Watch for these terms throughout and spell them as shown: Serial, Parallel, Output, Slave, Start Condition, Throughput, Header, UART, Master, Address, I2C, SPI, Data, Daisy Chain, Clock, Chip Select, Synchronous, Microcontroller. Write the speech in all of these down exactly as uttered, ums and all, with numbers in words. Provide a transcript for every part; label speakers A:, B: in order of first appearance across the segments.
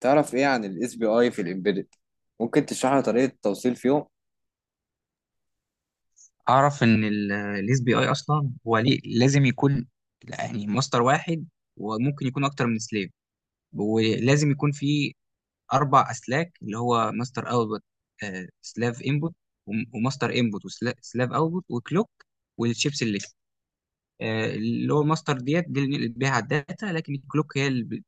A: تعرف ايه عن الاس بي اي في الامبيدد؟ ممكن تشرح لنا طريقه التوصيل فيهم؟
B: اعرف ان الاس بي اي اصلا هو ليه لازم يكون يعني ماستر واحد، وممكن يكون اكتر من سليف، ولازم يكون في اربع اسلاك اللي هو ماستر اوتبوت، سلاف انبوت، وماستر انبوت، وسلاف اوتبوت، وكلوك. والشيبس اللي آه، اللي هو الماستر ديت دي اللي بنقلب بيها على الداتا، لكن الكلوك هي اللي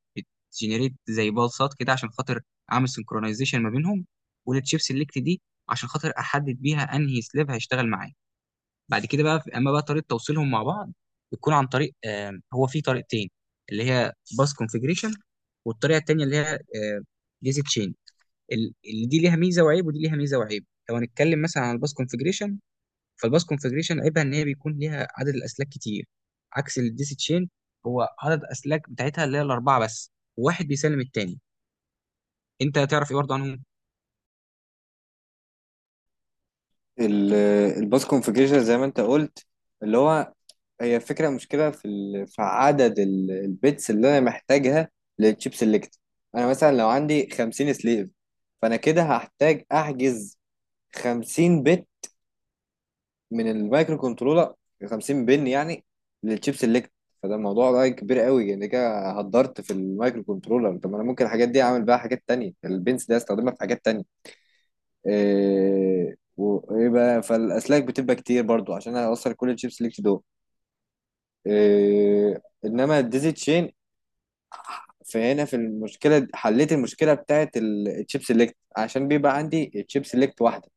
B: بتجنريت زي بالصات كده عشان خاطر اعمل سنكرونايزيشن ما بينهم، والتشيبس الليكت دي عشان خاطر احدد بيها انهي سلاف هيشتغل معايا. بعد كده بقى اما بقى طريقه توصيلهم مع بعض، بتكون عن طريق آه، هو في طريقتين، اللي هي باس كونفيجريشن، والطريقه التانيه اللي هي جيزي تشين. اللي دي ليها ميزه وعيب، ودي ليها ميزه وعيب. لو هنتكلم مثلا عن الباس كونفيجريشن، فالباس كونفيجريشن عيبها ان هي بيكون ليها عدد الاسلاك كتير عكس الديزي تشين، هو عدد الاسلاك بتاعتها اللي هي الاربعه بس، واحد بيسلم التاني. انت هتعرف ايه برضه عنهم؟
A: الباس كونفيجريشن زي ما انت قلت، اللي هو هي فكره، مشكله في ال- في عدد ال- البيتس اللي انا محتاجها للتشيب سيلكت. انا مثلا لو عندي 50 سليف، فانا كده هحتاج احجز 50 بت من المايكرو كنترولر، 50 بن يعني للشيب سيلكت. فده الموضوع ده كبير قوي، يعني كده هدرت في المايكرو كنترولر. طب ما انا ممكن الحاجات دي اعمل بيها حاجات تانية، البنس ده استخدمها في حاجات تانية. إيه، ويبقى فالاسلاك بتبقى كتير برضو عشان هوصل كل الشيب سيلكت دول. إيه، انما الديزي تشين، فهنا في المشكله حليت المشكله بتاعت الشيب سيلكت عشان بيبقى عندي الشيب سيلكت واحده.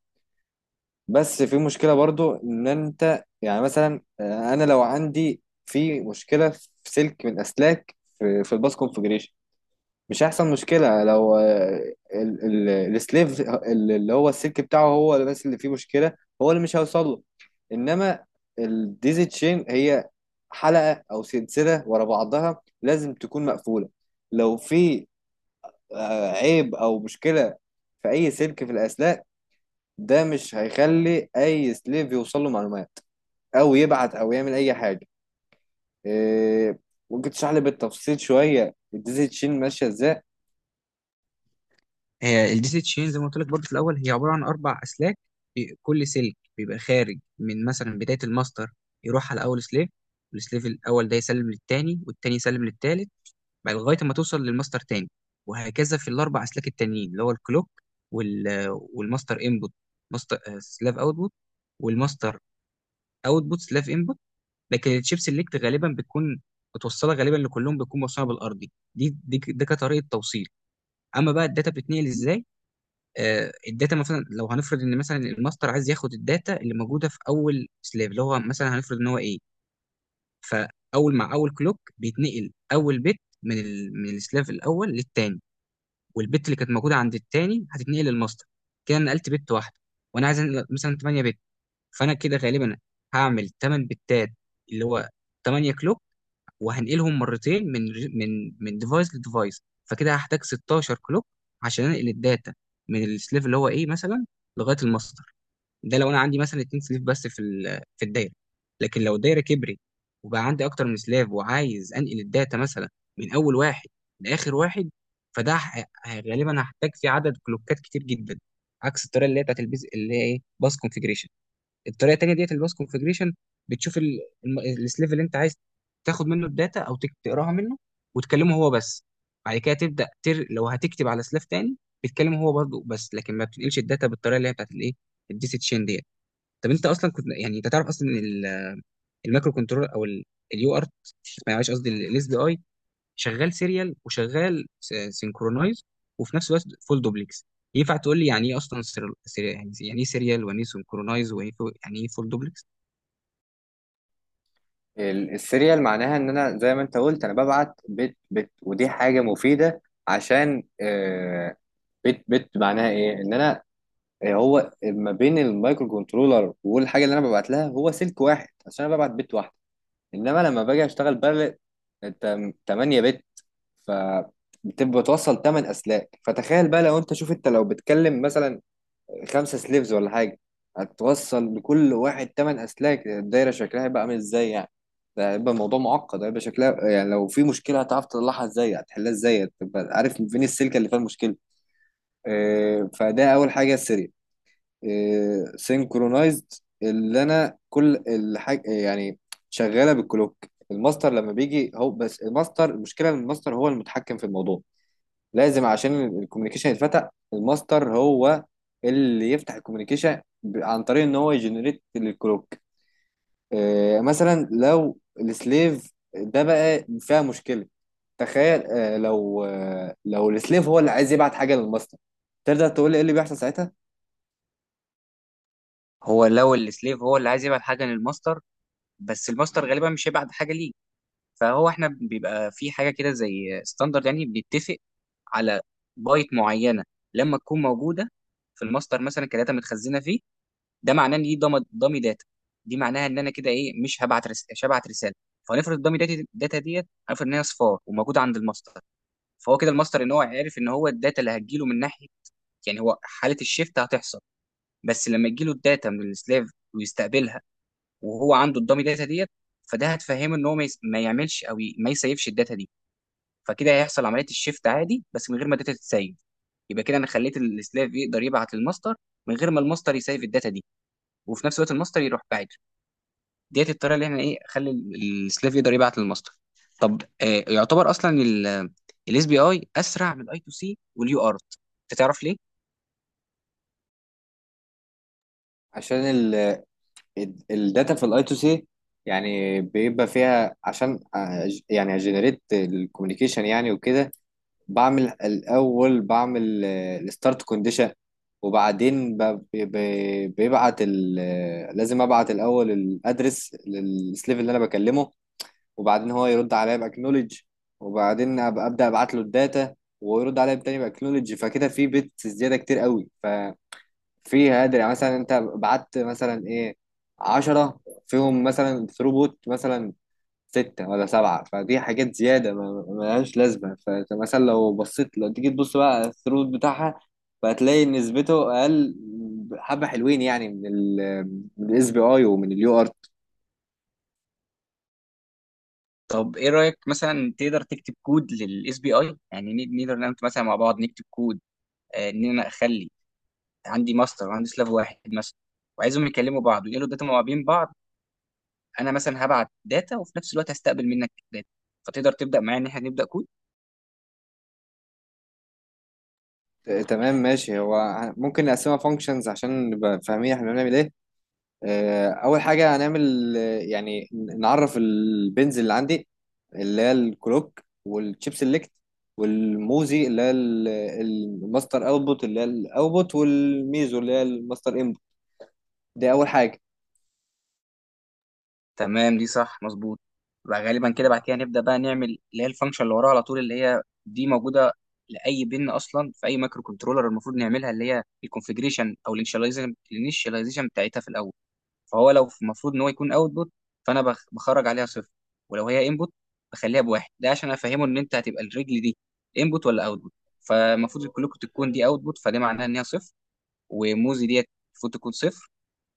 A: بس في مشكلة برضو، ان انت يعني مثلا، آه، انا لو عندي في مشكلة في سلك من اسلاك في, في الباس كونفجريشن، مش هيحصل مشكلة. لو آه، ال- ال- السليف ال- اللي هو السلك بتاعه هو اللي بس اللي فيه مشكلة، هو اللي مش هيوصل له. انما الديزي تشين هي حلقة او سلسلة ورا بعضها، لازم تكون مقفولة. لو في آه، عيب او مشكلة في اي سلك في الاسلاك، ده مش هيخلي اي سليف يوصل له معلومات او يبعت او يعمل اي حاجه. إيه، ممكن تشرح لي بالتفصيل شويه الديزل تشين ماشيه ازاي؟
B: هي الدي سي تشين زي ما قلت لك برضه في الاول هي عباره عن اربع اسلاك. بي- كل سلك بيبقى خارج من مثلا بدايه الماستر، يروح على اول سليف، والسليف الاول ده يسلم للتاني، والتاني يسلم للتالت، بعد لغايه ما توصل للماستر تاني، وهكذا في الاربع اسلاك التانيين اللي هو الكلوك وال والماستر انبوت، ماستر آه، سلاف اوتبوت، والماستر اوتبوت سلاف انبوت. لكن الشيب سيلكت غالبا بتكون متوصله غالبا لكلهم، بتكون موصله بالارضي، دي دي ده كطريقه توصيل. اما بقى الداتا بتتنقل ازاي، آه، الداتا مثلا لو هنفرض ان مثلا الماستر عايز ياخد الداتا اللي موجوده في اول سلاف اللي هو مثلا هنفرض ان هو ايه، فاول مع اول كلوك بيتنقل اول بت من ال... من السلاف الاول للتاني، والبت اللي كانت موجوده عند التاني هتتنقل للماستر. كده أنا نقلت بت واحده، وانا عايز أنقل مثلا تمانية بت، فانا كده غالبا هعمل تمانية بتات اللي هو تمانية كلوك، وهنقلهم مرتين من من من ديفايس لديفايس، فكده هحتاج ستاشر كلوك عشان انقل الداتا من السليف اللي هو ايه مثلا لغايه الماستر. ده لو انا عندي مثلا اتنين سليف بس في ال- في الدايره، لكن لو الدايره كبرت وبقى عندي اكتر من سلاف، وعايز انقل الداتا مثلا من اول واحد لاخر واحد، فده ه- غالبا هحتاج فيه عدد كلوكات كتير جدا عكس الطريقه اللي هي بتاعت البيز اللي هي ايه باس كونفيجريشن. الطريقه التانيه ديت الباس كونفجريشن بتشوف ال- الم- السليف اللي انت عايز تاخد منه الداتا او تك- تقراها منه، وتكلمه هو بس، بعد كده تبدا تر... لو هتكتب على سلاف تاني بتكلمه هو برضه بس، لكن ما بتنقلش الداتا بالطريقه اللي هي بتاعت الايه الدي سي تشين ديت. طب انت اصلا كنت يعني انت تعرف اصلا ان ال- المايكرو كنترول او اليو ارت، معلش قصدي الاس بي اي، شغال سيريال وشغال سينكرونايز وفي نفس الوقت فول دوبلكس؟ ينفع تقول لي يعني ايه اصلا سيريال، يعني يعني ايه سيريال، ويعني ايه سينكرونايز، ويعني ايه فول دوبلكس؟
A: ال- السيريال معناها ان انا زي ما انت قلت انا ببعت بت بت، ودي حاجه مفيده. عشان إيه؟ بت بت معناها ايه؟ ان انا إيه، هو ما بين المايكرو كنترولر والحاجه اللي انا ببعت لها هو سلك واحد عشان انا ببعت بت واحده. انما لما باجي اشتغل بارل 8 بت، ف بتبقى توصل 8 اسلاك. فتخيل بقى لو انت، شوف انت لو بتكلم مثلا خمسة سليفز ولا حاجة، هتوصل لكل واحد تمن أسلاك، الدايرة شكلها هيبقى عامل ازاي يعني؟ ده هيبقى الموضوع معقد، هيبقى شكلها يعني لو في مشكلة هتعرف تطلعها ازاي؟ هتحلها ازاي؟ هتبقى عارف فين السلكة اللي فيها المشكلة؟ آه، فده أول حاجة، السريع. سينكرونايزد، اللي أنا كل الحاجة يعني شغالة بالكلوك. الماستر لما بيجي هو بس الماستر، المشكلة ان الماستر هو المتحكم في الموضوع. لازم عشان الكوميونيكيشن يتفتح الماستر هو اللي يفتح الكوميونيكيشن، ب- عن طريق ان هو يجنريت الكلوك. آه مثلا لو السليف ده بقى فيها مشكله، تخيل آه لو آه لو السليف هو اللي عايز يبعت حاجه للماستر، تقدر تقول لي ايه اللي بيحصل ساعتها؟
B: هو لو السليف هو اللي عايز يبعت حاجه للماستر، بس الماستر غالبا مش هيبعت حاجه ليه، فهو احنا بيبقى في حاجه كده زي ستاندرد، يعني بنتفق على بايت معينه لما تكون موجوده في الماستر مثلا كداتا متخزنه فيه، ده معناه ان دي ضم- ضامي داتا. دي معناها ان انا كده ايه مش هبعت رس... مش هبعت رساله. فنفرض الضامي داتا داتا ديت هنفرض ان هي صفار وموجوده عند الماستر، فهو كده الماستر ان هو عارف ان هو الداتا اللي هتجيله من ناحيه، يعني هو حاله الشيفت هتحصل. بس لما تجيله الداتا من السلاف ويستقبلها، وهو عنده الدامي داتا ديت، فده هتفهمه ان هو ما, يس... ما يعملش، او ي... ما يسيفش الداتا دي. فكده هيحصل عمليه الشيفت عادي بس من غير ما الداتا تتسيف. يبقى كده انا خليت السلاف يقدر يبعت للماستر من غير ما الماستر يسيف الداتا دي، وفي نفس الوقت الماستر يروح بعيد. ديت الطريقه اللي احنا ايه خلي ال- السلاف يقدر يبعت للماستر. طب آه يعتبر اصلا الاس بي اي اسرع من الاي تو سي واليو ارت، انت تعرف ليه؟
A: عشان ال ال- الداتا في الاي تو سي يعني بيبقى فيها، عشان آه، يعني اجنريت الكوميونيكيشن يعني وكده. بعمل الأول بعمل الستارت كونديشن، وبعدين ب- ب- بيبعت ال- آه، لازم أبعت الأول الأدرس للسليف اللي أنا بكلمه، وبعدين هو يرد عليا بأكنولج، وبعدين أب- أبدأ أبعت له الداتا، ويرد عليا تاني بأكنولج. فكده في بيتس زيادة كتير قوي، ففي هادر. يعني مثلا أنت بعت مثلا إيه عشرة، فيهم مثلا ثروبوت مثلا ستة ولا سبعة، فدي حاجات زيادة ما ملهاش لازمة. فأنت مثلا لو بصيت، لو تيجي تبص بقى على الثروت بتاعها، فهتلاقي نسبته أقل حبة، حلوين يعني من ال من الاس بي اي ومن اليو ار.
B: طب ايه رايك مثلا تقدر تكتب كود للاس بي اي، يعني ن- نقدر نعمل مثلا مع بعض نكتب كود، آه، ان انا اخلي عندي ماستر وعندي سلاف واحد مثلا، وعايزهم يكلموا بعض ويقولوا الداتا ما بين بعض، انا مثلا هبعت داتا وفي نفس الوقت هستقبل منك داتا، فتقدر تبدا معايا ان احنا نبدا كود؟
A: تمام ماشي، هو ممكن نقسمها فانكشنز عشان نبقى فاهمين احنا بنعمل ايه. آه، اول حاجه هنعمل، آه، يعني ن- نعرف البنز اللي عندي، اللي هي الكلوك والشيب سيلكت والموزي اللي هي ال- الماستر اوتبوت اللي هي الاوتبوت، والميزو اللي هي الماستر انبوت. دي اول حاجه.
B: تمام، دي صح مظبوط. بقى غالبا كده بعد كده نبدا بقى نعمل اللي هي الفانكشن اللي وراها على طول اللي هي دي موجوده لاي بن اصلا في اي مايكرو كنترولر، المفروض نعملها اللي هي الكونفجريشن او الانشاليزيشن الانيشاليزيشن بتاعتها في الاول. فهو لو المفروض ان هو يكون اوتبوت، فانا بخ- بخرج عليها صفر، ولو هي انبوت بخليها بواحد، ده عشان افهمه ان انت هتبقى الرجل دي انبوت ولا اوتبوت. فالمفروض كلكم تكون دي اوتبوت، فده معناها ان هي صفر، وموزي ديت المفروض تكون صفر،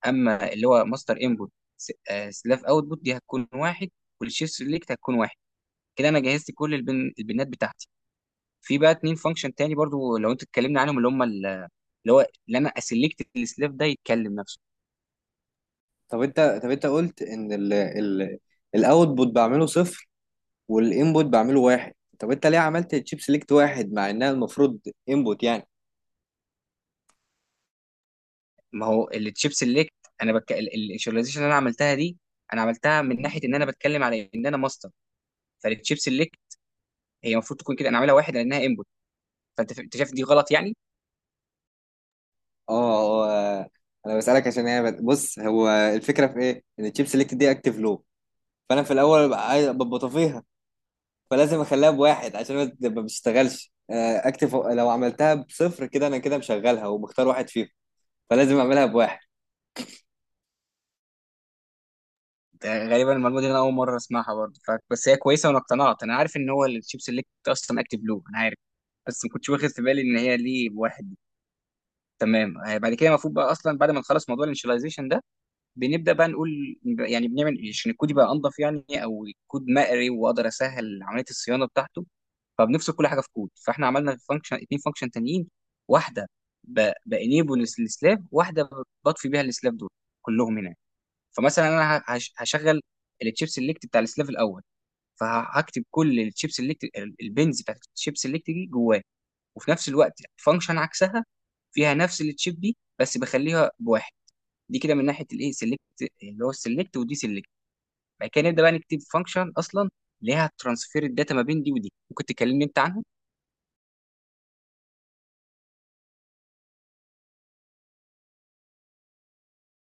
B: اما اللي هو ماستر انبوت سلاف اوتبوت دي هتكون واحد، والشيف سيلكت هتكون واحد. كده انا جهزت كل البن... البنات بتاعتي. في بقى اتنين فانكشن تاني برضو لو انت اتكلمنا عنهم اللي هم ال- اللي هو اللي انا اسلكت السلاف ده يتكلم نفسه.
A: طب انت طب انت قلت ان ال ال الاوتبوت بعمله صفر والانبوت بعمله واحد، طب انت ليه عملت الشيب سيلكت واحد مع انها المفروض انبوت يعني؟
B: ما هو التشيب سيلكت، انا بك... الفيجواليزيشن اللي انا عملتها دي انا عملتها من ناحيه ان انا بتكلم على ان انا ماستر، فالتشيب سيلكت هي المفروض تكون كده انا عاملها واحد لانها انبوت. فانت ف- انت شايف دي غلط يعني؟
A: اه. آه، آه، انا بسالك عشان هي، بص هو الفكره في ايه، ان الشيب سيلكت دي اكتف لو. فانا في الاول ببقى عايز- ببقى طفيها، فلازم اخليها بواحد عشان ما تبقى- ما بتشتغلش. آه، اكتب، لو عملتها بصفر كده انا كده مشغلها ومختار واحد فيهم، فلازم اعملها بواحد.
B: ده غالبا المعلومه دي انا اول مره اسمعها برضه ف... بس هي كويسه وانا اقتنعت، انا عارف ان هو التشيب سيلكت اصلا اكتب له، انا عارف، بس ما كنتش واخد في بالي ان هي ليه واحد. تمام، آه، بعد كده المفروض بقى اصلا بعد ما نخلص موضوع الانشاليزيشن ده، بنبدا بقى نقول يعني بنعمل إيه عشان الكود يبقى انضف يعني او كود مقري، واقدر اسهل عمليه الصيانه بتاعته. فبنفصل كل حاجه في كود، فاحنا عملنا فانكشن اتنين فانكشن تانيين، واحده بانيبل السلاف، واحده بطفي بيها السلاف دول كلهم هنا. فمثلا انا ه- هش- هشغل التشيب سيلكت بتاع السلاف الاول، فهكتب كل التشيب سيلكت البنز بتاعت التشيب سيلكت دي جواه، وفي نفس الوقت فانكشن عكسها فيها نفس التشيب دي بس بخليها بواحد. دي كده من ناحيه الايه سيلكت اللي هو السيلكت ودي سيلكت. بعد كده نبدا بقى نكتب فانكشن اصلا ليها ترانسفير الداتا ما بين دي ودي، ممكن تكلمني انت عنها؟